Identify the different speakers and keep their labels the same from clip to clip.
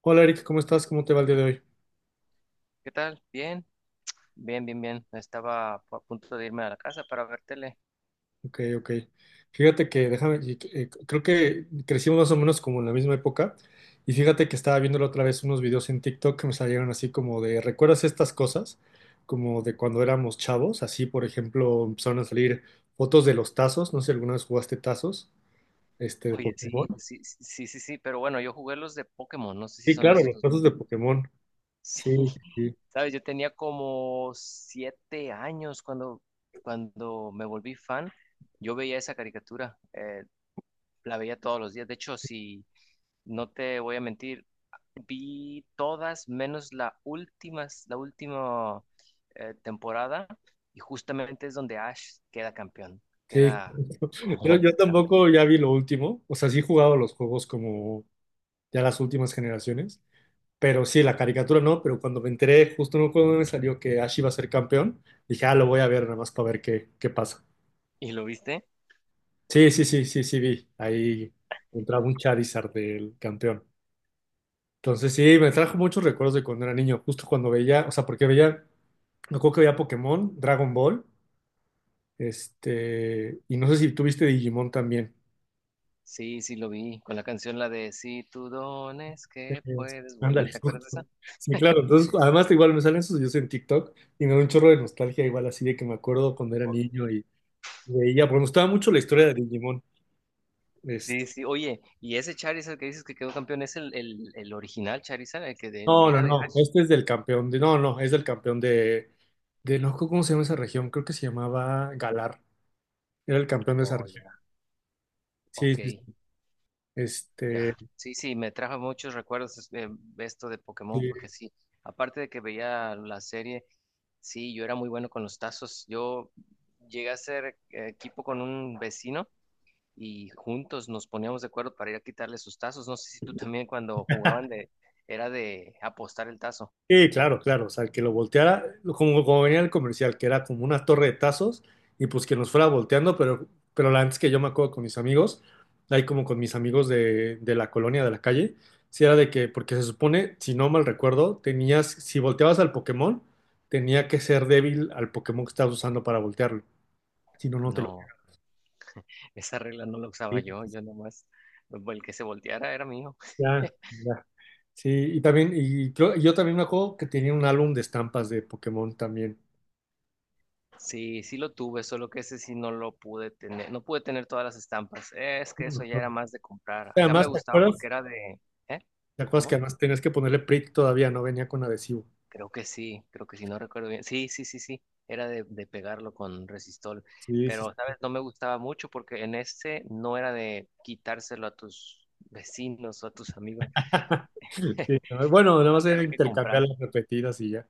Speaker 1: Hola Eric, ¿cómo estás? ¿Cómo te va el día de hoy?
Speaker 2: ¿Qué tal? Bien, bien, bien, bien. Estaba a punto de irme a la casa para ver tele.
Speaker 1: Ok. Fíjate que, déjame, creo que crecimos más o menos como en la misma época. Y fíjate que estaba viendo la otra vez unos videos en TikTok que me salieron así como de, ¿recuerdas estas cosas? Como de cuando éramos chavos. Así, por ejemplo, empezaron a salir fotos de los tazos. No sé si alguna vez jugaste tazos, de
Speaker 2: Oye, sí,
Speaker 1: Pokémon.
Speaker 2: sí, sí, sí, sí, sí, pero bueno, yo jugué los de Pokémon, no sé si
Speaker 1: Sí,
Speaker 2: son
Speaker 1: claro,
Speaker 2: esos
Speaker 1: los
Speaker 2: los
Speaker 1: tazos
Speaker 2: mismos.
Speaker 1: de Pokémon.
Speaker 2: Sí,
Speaker 1: Sí, sí,
Speaker 2: sabes, yo tenía como 7 años cuando me volví fan. Yo veía esa caricatura. La veía todos los días. De hecho, si no te voy a mentir, vi todas menos la última, temporada, y justamente es donde Ash queda campeón,
Speaker 1: sí.
Speaker 2: queda
Speaker 1: Sí, yo
Speaker 2: como cam-
Speaker 1: tampoco ya vi lo último. O sea, sí he jugado los juegos como ya las últimas generaciones. Pero sí, la caricatura no, pero cuando me enteré, justo no cuando me salió que Ash iba a ser campeón, dije, ah, lo voy a ver nada más para ver qué pasa.
Speaker 2: ¿Y lo viste?
Speaker 1: Sí, sí, sí, sí, sí, vi. Ahí entraba un Charizard del campeón. Entonces sí, me trajo muchos recuerdos de cuando era niño, justo cuando veía, o sea, porque veía, me acuerdo que veía Pokémon, Dragon Ball, y no sé si tuviste Digimon también.
Speaker 2: Sí, sí lo vi, con la canción la de Si tú dones
Speaker 1: Eh,
Speaker 2: que puedes volar,
Speaker 1: Ándale,
Speaker 2: ¿te acuerdas de esa?
Speaker 1: justo. Sí, claro. Entonces, además, igual me salen sus videos en TikTok y me da un chorro de nostalgia, igual así de que me acuerdo cuando era
Speaker 2: O-
Speaker 1: niño y veía, porque me gustaba mucho la historia de Digimon. Es-
Speaker 2: Sí, sí, oye, y ese Charizard que dices que quedó campeón es el original Charizard, el
Speaker 1: no,
Speaker 2: que
Speaker 1: no,
Speaker 2: era de
Speaker 1: no.
Speaker 2: Ash.
Speaker 1: Este es del campeón de. No, no, es del campeón de. De no, ¿cómo se llama esa región? Creo que se llamaba Galar. Era el campeón de esa
Speaker 2: Oh, ya.
Speaker 1: región. Sí,
Speaker 2: Ok,
Speaker 1: sí, sí. Este.
Speaker 2: ya, sí, sí, me trajo muchos recuerdos esto de Pokémon, porque
Speaker 1: Sí.
Speaker 2: sí, aparte de que veía la serie, sí, yo era muy bueno con los tazos. Yo llegué a ser equipo con un vecino y juntos nos poníamos de acuerdo para ir a quitarle sus tazos. No sé si tú también cuando jugaban de, era de apostar el tazo.
Speaker 1: Sí, claro, claro. O sea, que lo volteara, como, como venía el comercial, que era como una torre de tazos, y pues que nos fuera volteando, pero la antes que yo me acuerdo con mis amigos, ahí como con mis amigos de la colonia, de la calle, si era de que, porque se supone, si no mal recuerdo, tenías, si volteabas al Pokémon, tenía que ser débil al Pokémon que estabas usando para voltearlo. Si no, no te lo.
Speaker 2: No, esa regla no la usaba
Speaker 1: Sí,
Speaker 2: yo, nomás, el que se volteara era mío.
Speaker 1: ya, ya. Sí, yo también me acuerdo que tenía un álbum de estampas de Pokémon también.
Speaker 2: Sí, sí lo tuve, solo que ese sí no lo pude tener, no pude tener todas las estampas. Es
Speaker 1: Sí,
Speaker 2: que
Speaker 1: me
Speaker 2: eso ya era
Speaker 1: acuerdo.
Speaker 2: más de comprar. Acá me
Speaker 1: Además, ¿te
Speaker 2: gustaba
Speaker 1: acuerdas?
Speaker 2: porque era de, ¿eh?
Speaker 1: ¿Te acuerdas que
Speaker 2: ¿Cómo?
Speaker 1: además tenías que ponerle prick todavía? No venía con adhesivo.
Speaker 2: Creo que sí, no recuerdo bien. Sí, sí, sí, sí, era de pegarlo con resistol,
Speaker 1: Sí, sí.
Speaker 2: pero,
Speaker 1: sí.
Speaker 2: ¿sabes? No me gustaba mucho porque en este no era de quitárselo a tus vecinos o a tus amigos.
Speaker 1: Sí, no, bueno, nada más
Speaker 2: Había
Speaker 1: era
Speaker 2: que
Speaker 1: intercambiar
Speaker 2: comprar.
Speaker 1: las repetidas y ya.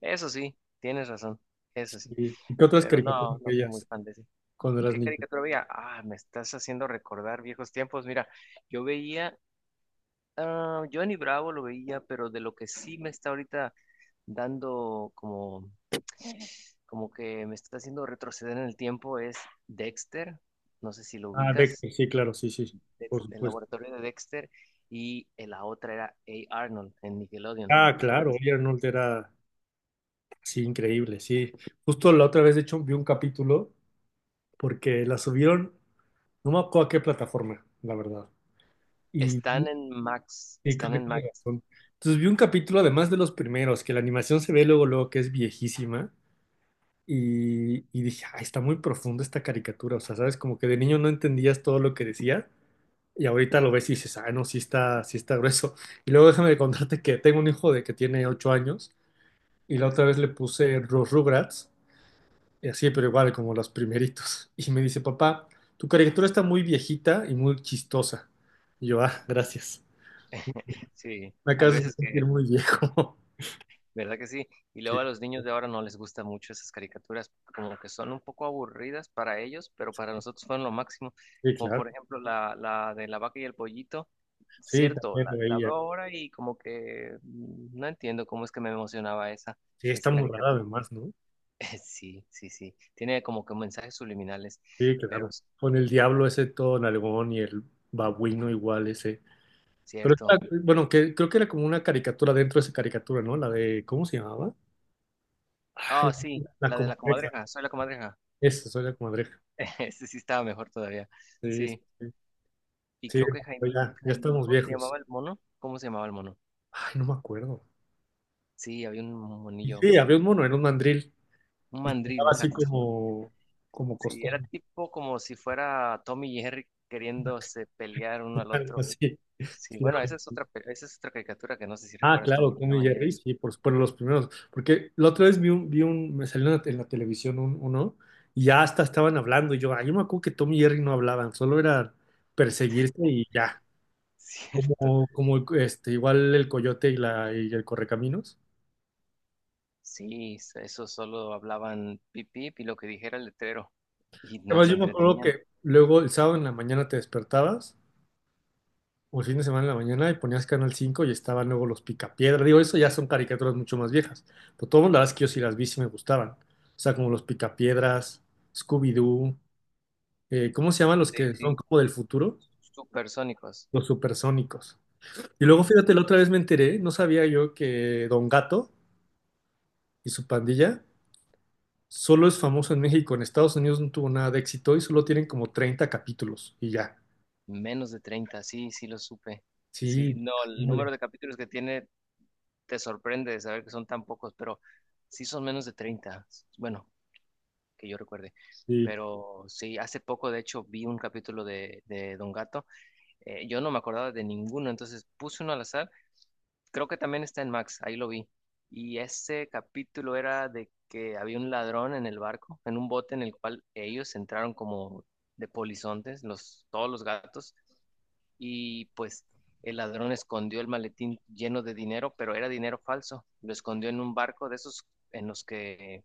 Speaker 2: Eso sí, tienes razón, eso sí,
Speaker 1: Sí. ¿Qué otras
Speaker 2: pero
Speaker 1: caricaturas
Speaker 2: no, no fui muy
Speaker 1: veías
Speaker 2: fan de ese.
Speaker 1: cuando eras
Speaker 2: ¿Qué
Speaker 1: niño?
Speaker 2: caricatura veía? Ah, me estás haciendo recordar viejos tiempos. Mira, yo veía, ah, Johnny Bravo lo veía, pero de lo que sí me está ahorita dando como que me está haciendo retroceder en el tiempo es Dexter. No sé si lo
Speaker 1: Ah,
Speaker 2: ubicas,
Speaker 1: Dexter, sí, claro, sí, sí, por
Speaker 2: El
Speaker 1: supuesto.
Speaker 2: laboratorio de Dexter. Y la otra era A. Arnold en Nickelodeon.
Speaker 1: Ah,
Speaker 2: ¿Te
Speaker 1: claro,
Speaker 2: acuerdas?
Speaker 1: Oye Arnold era, sí, increíble, sí. Justo la otra vez, de hecho, vi un capítulo porque la subieron, no me acuerdo a qué plataforma, la verdad. Y,
Speaker 2: Están en Max,
Speaker 1: y creo
Speaker 2: están
Speaker 1: que
Speaker 2: en
Speaker 1: tiene
Speaker 2: Max.
Speaker 1: razón. Entonces vi un capítulo, además de los primeros, que la animación se ve luego, luego que es viejísima. Y dije, ay, está muy profunda esta caricatura. O sea, sabes, como que de niño no entendías todo lo que decía. Y ahorita lo ves y dices, ah, no, sí está grueso. Y luego déjame contarte que tengo un hijo de que tiene 8 años. Y la otra vez le puse los Rugrats. Y así, pero igual, como los primeritos. Y me dice, papá, tu caricatura está muy viejita y muy chistosa. Y yo, ah, gracias.
Speaker 2: Sí,
Speaker 1: Me
Speaker 2: hay
Speaker 1: acabas de
Speaker 2: veces que.
Speaker 1: sentir muy viejo.
Speaker 2: ¿Verdad que sí? Y
Speaker 1: Sí,
Speaker 2: luego a los niños de ahora no les gustan mucho esas caricaturas, como que son un poco aburridas para ellos, pero para nosotros fueron lo máximo.
Speaker 1: sí,
Speaker 2: Como
Speaker 1: claro.
Speaker 2: por ejemplo la de la vaca y el pollito.
Speaker 1: Sí,
Speaker 2: Cierto,
Speaker 1: también
Speaker 2: la,
Speaker 1: lo
Speaker 2: la
Speaker 1: veía.
Speaker 2: veo ahora y como que no entiendo cómo es que me emocionaba esa,
Speaker 1: Sí, está
Speaker 2: esa
Speaker 1: muy rara
Speaker 2: caricatura.
Speaker 1: además, ¿no?
Speaker 2: Sí, sí, sí. Tiene como que mensajes subliminales,
Speaker 1: Sí,
Speaker 2: pero
Speaker 1: claro.
Speaker 2: es
Speaker 1: Con el diablo ese todo nalgón y el babuino igual ese. Pero era-
Speaker 2: cierto.
Speaker 1: bueno, que creo que era como una caricatura dentro de esa caricatura, ¿no? La de, ¿cómo se llamaba? Ay,
Speaker 2: Ah, sí,
Speaker 1: la
Speaker 2: la de la
Speaker 1: comadreja.
Speaker 2: comadreja, soy la comadreja.
Speaker 1: Esa, soy la comadreja.
Speaker 2: Ese sí estaba mejor todavía.
Speaker 1: Sí, sí,
Speaker 2: Sí.
Speaker 1: sí.
Speaker 2: Y
Speaker 1: Sí,
Speaker 2: creo que
Speaker 1: no, ya, ya estamos
Speaker 2: Jaimijo se
Speaker 1: viejos.
Speaker 2: llamaba el mono. ¿Cómo se llamaba el mono?
Speaker 1: Ay, no me acuerdo.
Speaker 2: Sí, había un
Speaker 1: Y
Speaker 2: monillo,
Speaker 1: sí, había un mono, era un mandril.
Speaker 2: un
Speaker 1: Y
Speaker 2: mandril,
Speaker 1: cantaba así
Speaker 2: exacto.
Speaker 1: como, como
Speaker 2: Sí, era
Speaker 1: costeño.
Speaker 2: tipo como si fuera Tommy y Jerry queriéndose pelear uno al
Speaker 1: Algo
Speaker 2: otro.
Speaker 1: así.
Speaker 2: Sí,
Speaker 1: Sí,
Speaker 2: bueno, esa es otra, caricatura que no sé si
Speaker 1: ah,
Speaker 2: recuerdas,
Speaker 1: claro, Tom
Speaker 2: Tom
Speaker 1: y
Speaker 2: and
Speaker 1: Jerry,
Speaker 2: Jerry.
Speaker 1: sí, por supuesto los primeros. Porque la otra vez me salió en la televisión uno, y ya hasta estaban hablando, y yo, ay, yo me acuerdo que Tom y Jerry no hablaban, solo era perseguirse y ya.
Speaker 2: Cierto.
Speaker 1: Como, como este, igual el coyote y la, y el correcaminos.
Speaker 2: Sí, eso solo hablaban pip pip y lo que dijera el letrero. Y no
Speaker 1: Además,
Speaker 2: se
Speaker 1: yo me acuerdo
Speaker 2: entretenían.
Speaker 1: que luego el sábado en la mañana te despertabas, o el fin de semana en la mañana, y ponías Canal 5 y estaban luego los Picapiedra. Digo, eso ya son caricaturas mucho más viejas. Pero todas las que yo sí las vi sí me gustaban. O sea, como los Picapiedras, Scooby-Doo. Eh, ¿cómo se llaman los
Speaker 2: Sí,
Speaker 1: que son
Speaker 2: sí.
Speaker 1: como del futuro?
Speaker 2: Supersónicos.
Speaker 1: Los supersónicos. Y luego, fíjate, la otra vez me enteré, no sabía yo que Don Gato y su pandilla solo es famoso en México, en Estados Unidos no tuvo nada de éxito y solo tienen como 30 capítulos y ya.
Speaker 2: Menos de 30, sí, sí lo supe. Sí,
Speaker 1: Sí,
Speaker 2: no, el
Speaker 1: ándale,
Speaker 2: número de capítulos que tiene te sorprende de saber que son tan pocos, pero sí son menos de 30, bueno, que yo recuerde.
Speaker 1: sí.
Speaker 2: Pero sí, hace poco de hecho vi un capítulo de Don Gato. Yo no me acordaba de ninguno, entonces puse uno al azar. Creo que también está en Max, ahí lo vi. Y ese capítulo era de que había un ladrón en el barco, en un bote en el cual ellos entraron como de polizontes, todos los gatos, y pues el ladrón escondió el maletín lleno de dinero, pero era dinero falso. Lo escondió en un barco de esos en los que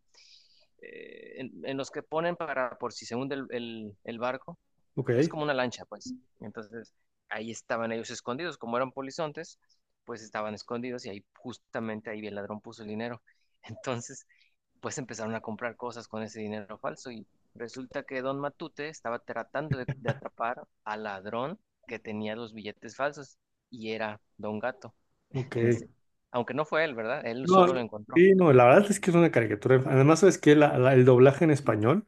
Speaker 2: en los que ponen para por si se hunde el barco.
Speaker 1: Ok,
Speaker 2: Es como una lancha, pues. Entonces, ahí estaban ellos escondidos, como eran polizontes, pues estaban escondidos y ahí justamente ahí el ladrón puso el dinero. Entonces, pues empezaron a comprar cosas con ese dinero falso y resulta que Don Matute estaba tratando de atrapar al ladrón que tenía los billetes falsos y era Don Gato
Speaker 1: ok.
Speaker 2: en ese. Aunque no fue él, ¿verdad? Él
Speaker 1: No,
Speaker 2: solo lo encontró.
Speaker 1: sí, no, la verdad es que es una caricatura. Además, sabes que el doblaje en español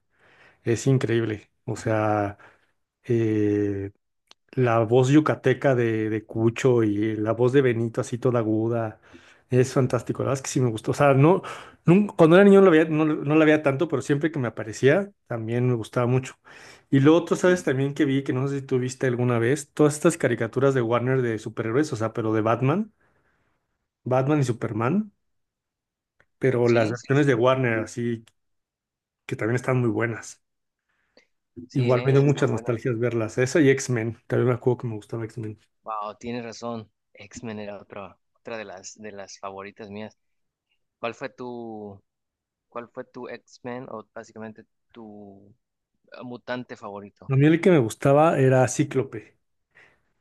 Speaker 1: es increíble. O sea, eh, la voz yucateca de Cucho y la voz de Benito así toda aguda. Es fantástico, la verdad es que sí me gustó. O sea, no, cuando era niño no la veía, no la veía tanto, pero siempre que me aparecía también me gustaba mucho. Y lo otro, ¿sabes? También que vi, que no sé si tú viste alguna vez, todas estas caricaturas de Warner de superhéroes, o sea, pero de Batman, Batman y Superman, pero las
Speaker 2: Sí, sí lo
Speaker 1: versiones de
Speaker 2: vi.
Speaker 1: Warner, así que también están muy buenas.
Speaker 2: Sí,
Speaker 1: Igual me dio
Speaker 2: sí están
Speaker 1: muchas
Speaker 2: buenas.
Speaker 1: nostalgias verlas. Esa y X-Men, también me acuerdo que me gustaba X-Men.
Speaker 2: Wow, tienes razón. X-Men era otra de las favoritas mías. ¿Cuál fue tu, Cuál fue tu X-Men o básicamente tu mutante favorito?
Speaker 1: A mí el que me gustaba era Cíclope.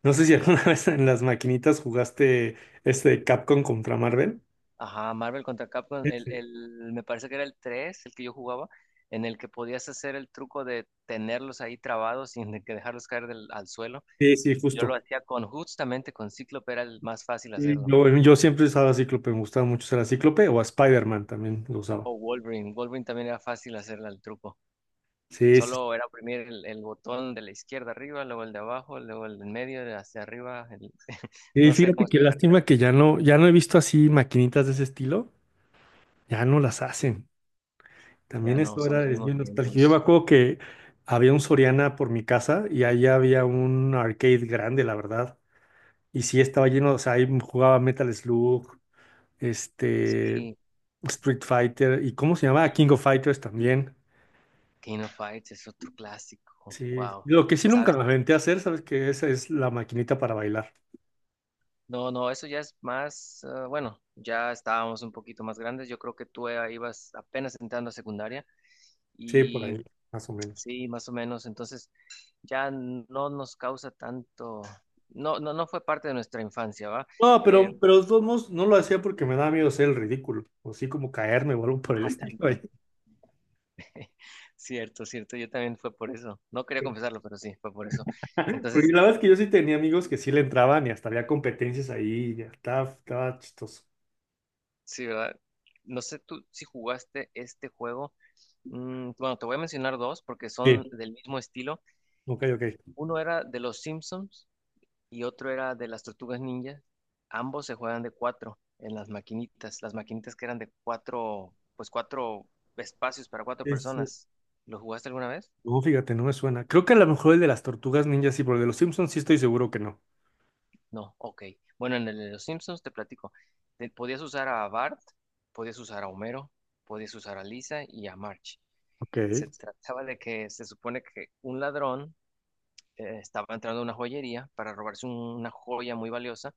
Speaker 1: No sé si alguna vez en las maquinitas jugaste Capcom contra Marvel.
Speaker 2: Ajá, Marvel contra Capcom,
Speaker 1: Ese.
Speaker 2: me parece que era el 3 el que yo jugaba, en el que podías hacer el truco de tenerlos ahí trabados sin de que dejarlos caer al suelo.
Speaker 1: Sí, sí,
Speaker 2: Yo lo
Speaker 1: justo.
Speaker 2: hacía con justamente con Cíclope, era el más fácil
Speaker 1: Sí,
Speaker 2: hacerlo.
Speaker 1: yo siempre usaba Cíclope, me gustaba mucho usar a Cíclope o a Spider-Man también lo usaba.
Speaker 2: O Wolverine también era fácil hacerle al truco.
Speaker 1: Sí, sí.
Speaker 2: Solo era oprimir el botón de la izquierda arriba, luego el de abajo, luego el del medio, de hacia arriba.
Speaker 1: Y
Speaker 2: No sé cómo
Speaker 1: fíjate qué
Speaker 2: explicarte.
Speaker 1: lástima que ya no he visto así maquinitas de ese estilo, ya no las hacen.
Speaker 2: Ya
Speaker 1: También
Speaker 2: no
Speaker 1: esto
Speaker 2: son los
Speaker 1: era, es
Speaker 2: mismos
Speaker 1: bien nostálgico. Yo me
Speaker 2: tiempos.
Speaker 1: acuerdo que había un Soriana por mi casa y ahí había un arcade grande, la verdad. Y sí estaba lleno, o sea, ahí jugaba Metal Slug, este,
Speaker 2: Sí,
Speaker 1: Street Fighter y ¿cómo se llamaba King of Fighters también.
Speaker 2: King of Fights es otro clásico.
Speaker 1: Sí,
Speaker 2: Wow.
Speaker 1: lo que sí nunca me aventé a hacer, ¿sabes que Esa es la maquinita para bailar.
Speaker 2: No, no, eso ya es más, bueno, ya estábamos un poquito más grandes. Yo creo que tú ibas apenas entrando a secundaria
Speaker 1: Sí, por
Speaker 2: y
Speaker 1: ahí, más o menos.
Speaker 2: sí, más o menos. Entonces ya no nos causa tanto, no, no, no fue parte de nuestra infancia, ¿va?
Speaker 1: No,
Speaker 2: Eh,
Speaker 1: pero de todos modos no lo hacía porque me daba miedo ser el ridículo, o así como caerme o algo por el
Speaker 2: ah,
Speaker 1: estilo ahí.
Speaker 2: también. Cierto, cierto. Yo también fue por eso. No quería confesarlo, pero sí, fue por eso.
Speaker 1: Porque
Speaker 2: Entonces,
Speaker 1: la verdad es que yo sí tenía amigos que sí le entraban y hasta había competencias ahí, ya estaba, estaba chistoso.
Speaker 2: sí, ¿verdad? No sé tú si jugaste este juego. Bueno, te voy a mencionar dos porque son
Speaker 1: Sí,
Speaker 2: del mismo estilo.
Speaker 1: ok, ok.
Speaker 2: Uno era de los Simpsons y otro era de las Tortugas Ninjas. Ambos se juegan de cuatro en las maquinitas. Las maquinitas que eran de cuatro, pues cuatro espacios para cuatro
Speaker 1: Sí, sí, sí.
Speaker 2: personas. ¿Lo jugaste alguna vez?
Speaker 1: No, fíjate, no me suena. Creo que a lo mejor el de las tortugas ninjas sí, pero el de los Simpsons sí estoy seguro que no.
Speaker 2: No, ok. Bueno, en el de los Simpsons te platico. Podías usar a Bart, podías usar a Homero, podías usar a Lisa y a March.
Speaker 1: Ok.
Speaker 2: Se trataba de que se supone que un ladrón estaba entrando a una joyería para robarse una joya muy valiosa,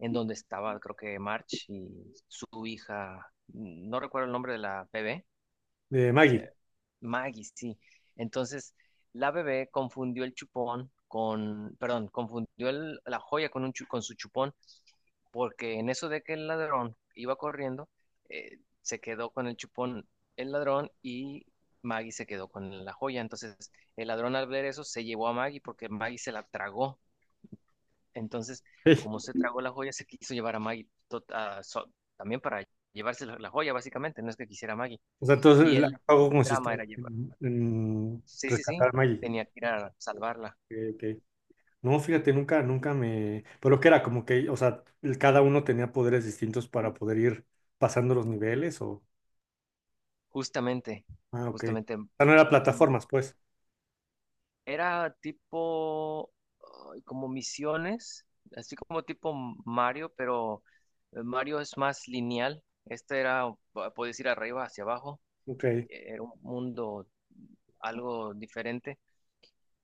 Speaker 2: en donde estaba, creo que March y su hija, no recuerdo el nombre de la bebé,
Speaker 1: De Maggie.
Speaker 2: eh, Maggie, sí. Entonces, la bebé confundió el chupón con, perdón, confundió la joya con su chupón, porque en eso de que el ladrón iba corriendo, se quedó con el chupón el ladrón y Maggie se quedó con la joya. Entonces, el ladrón al ver eso se llevó a Maggie porque Maggie se la tragó. Entonces,
Speaker 1: Sí.
Speaker 2: como se tragó la joya, se quiso llevar a Maggie también para llevarse la joya, básicamente, no es que quisiera a Maggie.
Speaker 1: O sea, entonces
Speaker 2: Y
Speaker 1: el
Speaker 2: el
Speaker 1: pago
Speaker 2: drama
Speaker 1: consistía
Speaker 2: era llevar.
Speaker 1: en
Speaker 2: Sí, sí, sí,
Speaker 1: rescatar a Maggie.
Speaker 2: tenía que ir a salvarla.
Speaker 1: Ok, ok. No, fíjate, nunca, nunca me. Pero que era como que, o sea, el- cada uno tenía poderes distintos para poder ir pasando los niveles o.
Speaker 2: Justamente,
Speaker 1: Ah, ok. O
Speaker 2: justamente,
Speaker 1: sea, no era plataformas, pues.
Speaker 2: era tipo ay, como misiones, así como tipo Mario, pero Mario es más lineal. Este era, puedes ir arriba, hacia abajo,
Speaker 1: Ok.
Speaker 2: era un mundo algo diferente.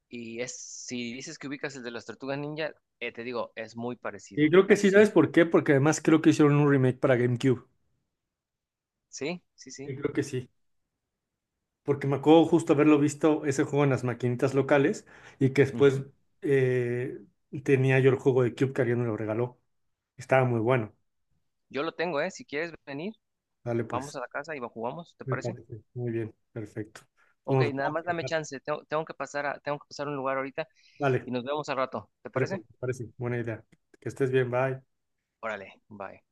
Speaker 2: Y es, si dices que ubicas el de las tortugas ninja, te digo, es muy
Speaker 1: Y
Speaker 2: parecido.
Speaker 1: creo que sí, ¿sabes
Speaker 2: Así.
Speaker 1: por qué? Porque además creo que hicieron un remake para GameCube.
Speaker 2: Sí, sí, sí.
Speaker 1: Sí, creo que sí. Porque me acuerdo justo haberlo visto ese juego en las maquinitas locales y que después
Speaker 2: Ujú.
Speaker 1: eh, tenía yo el juego de Cube que alguien me lo regaló. Estaba muy bueno.
Speaker 2: Yo lo tengo, ¿eh? Si quieres venir.
Speaker 1: Dale,
Speaker 2: Vamos
Speaker 1: pues,
Speaker 2: a la casa y jugamos, ¿te
Speaker 1: me
Speaker 2: parece?
Speaker 1: parece. Muy bien, perfecto.
Speaker 2: Ok,
Speaker 1: Vamos,
Speaker 2: nada
Speaker 1: vamos
Speaker 2: más
Speaker 1: a
Speaker 2: dame
Speaker 1: dejar.
Speaker 2: chance. Tengo que pasar a un lugar ahorita
Speaker 1: Dale,
Speaker 2: y nos vemos al rato. ¿Te
Speaker 1: dale, pues,
Speaker 2: parece?
Speaker 1: me parece. Buena idea. Que estés bien, bye.
Speaker 2: Órale, bye.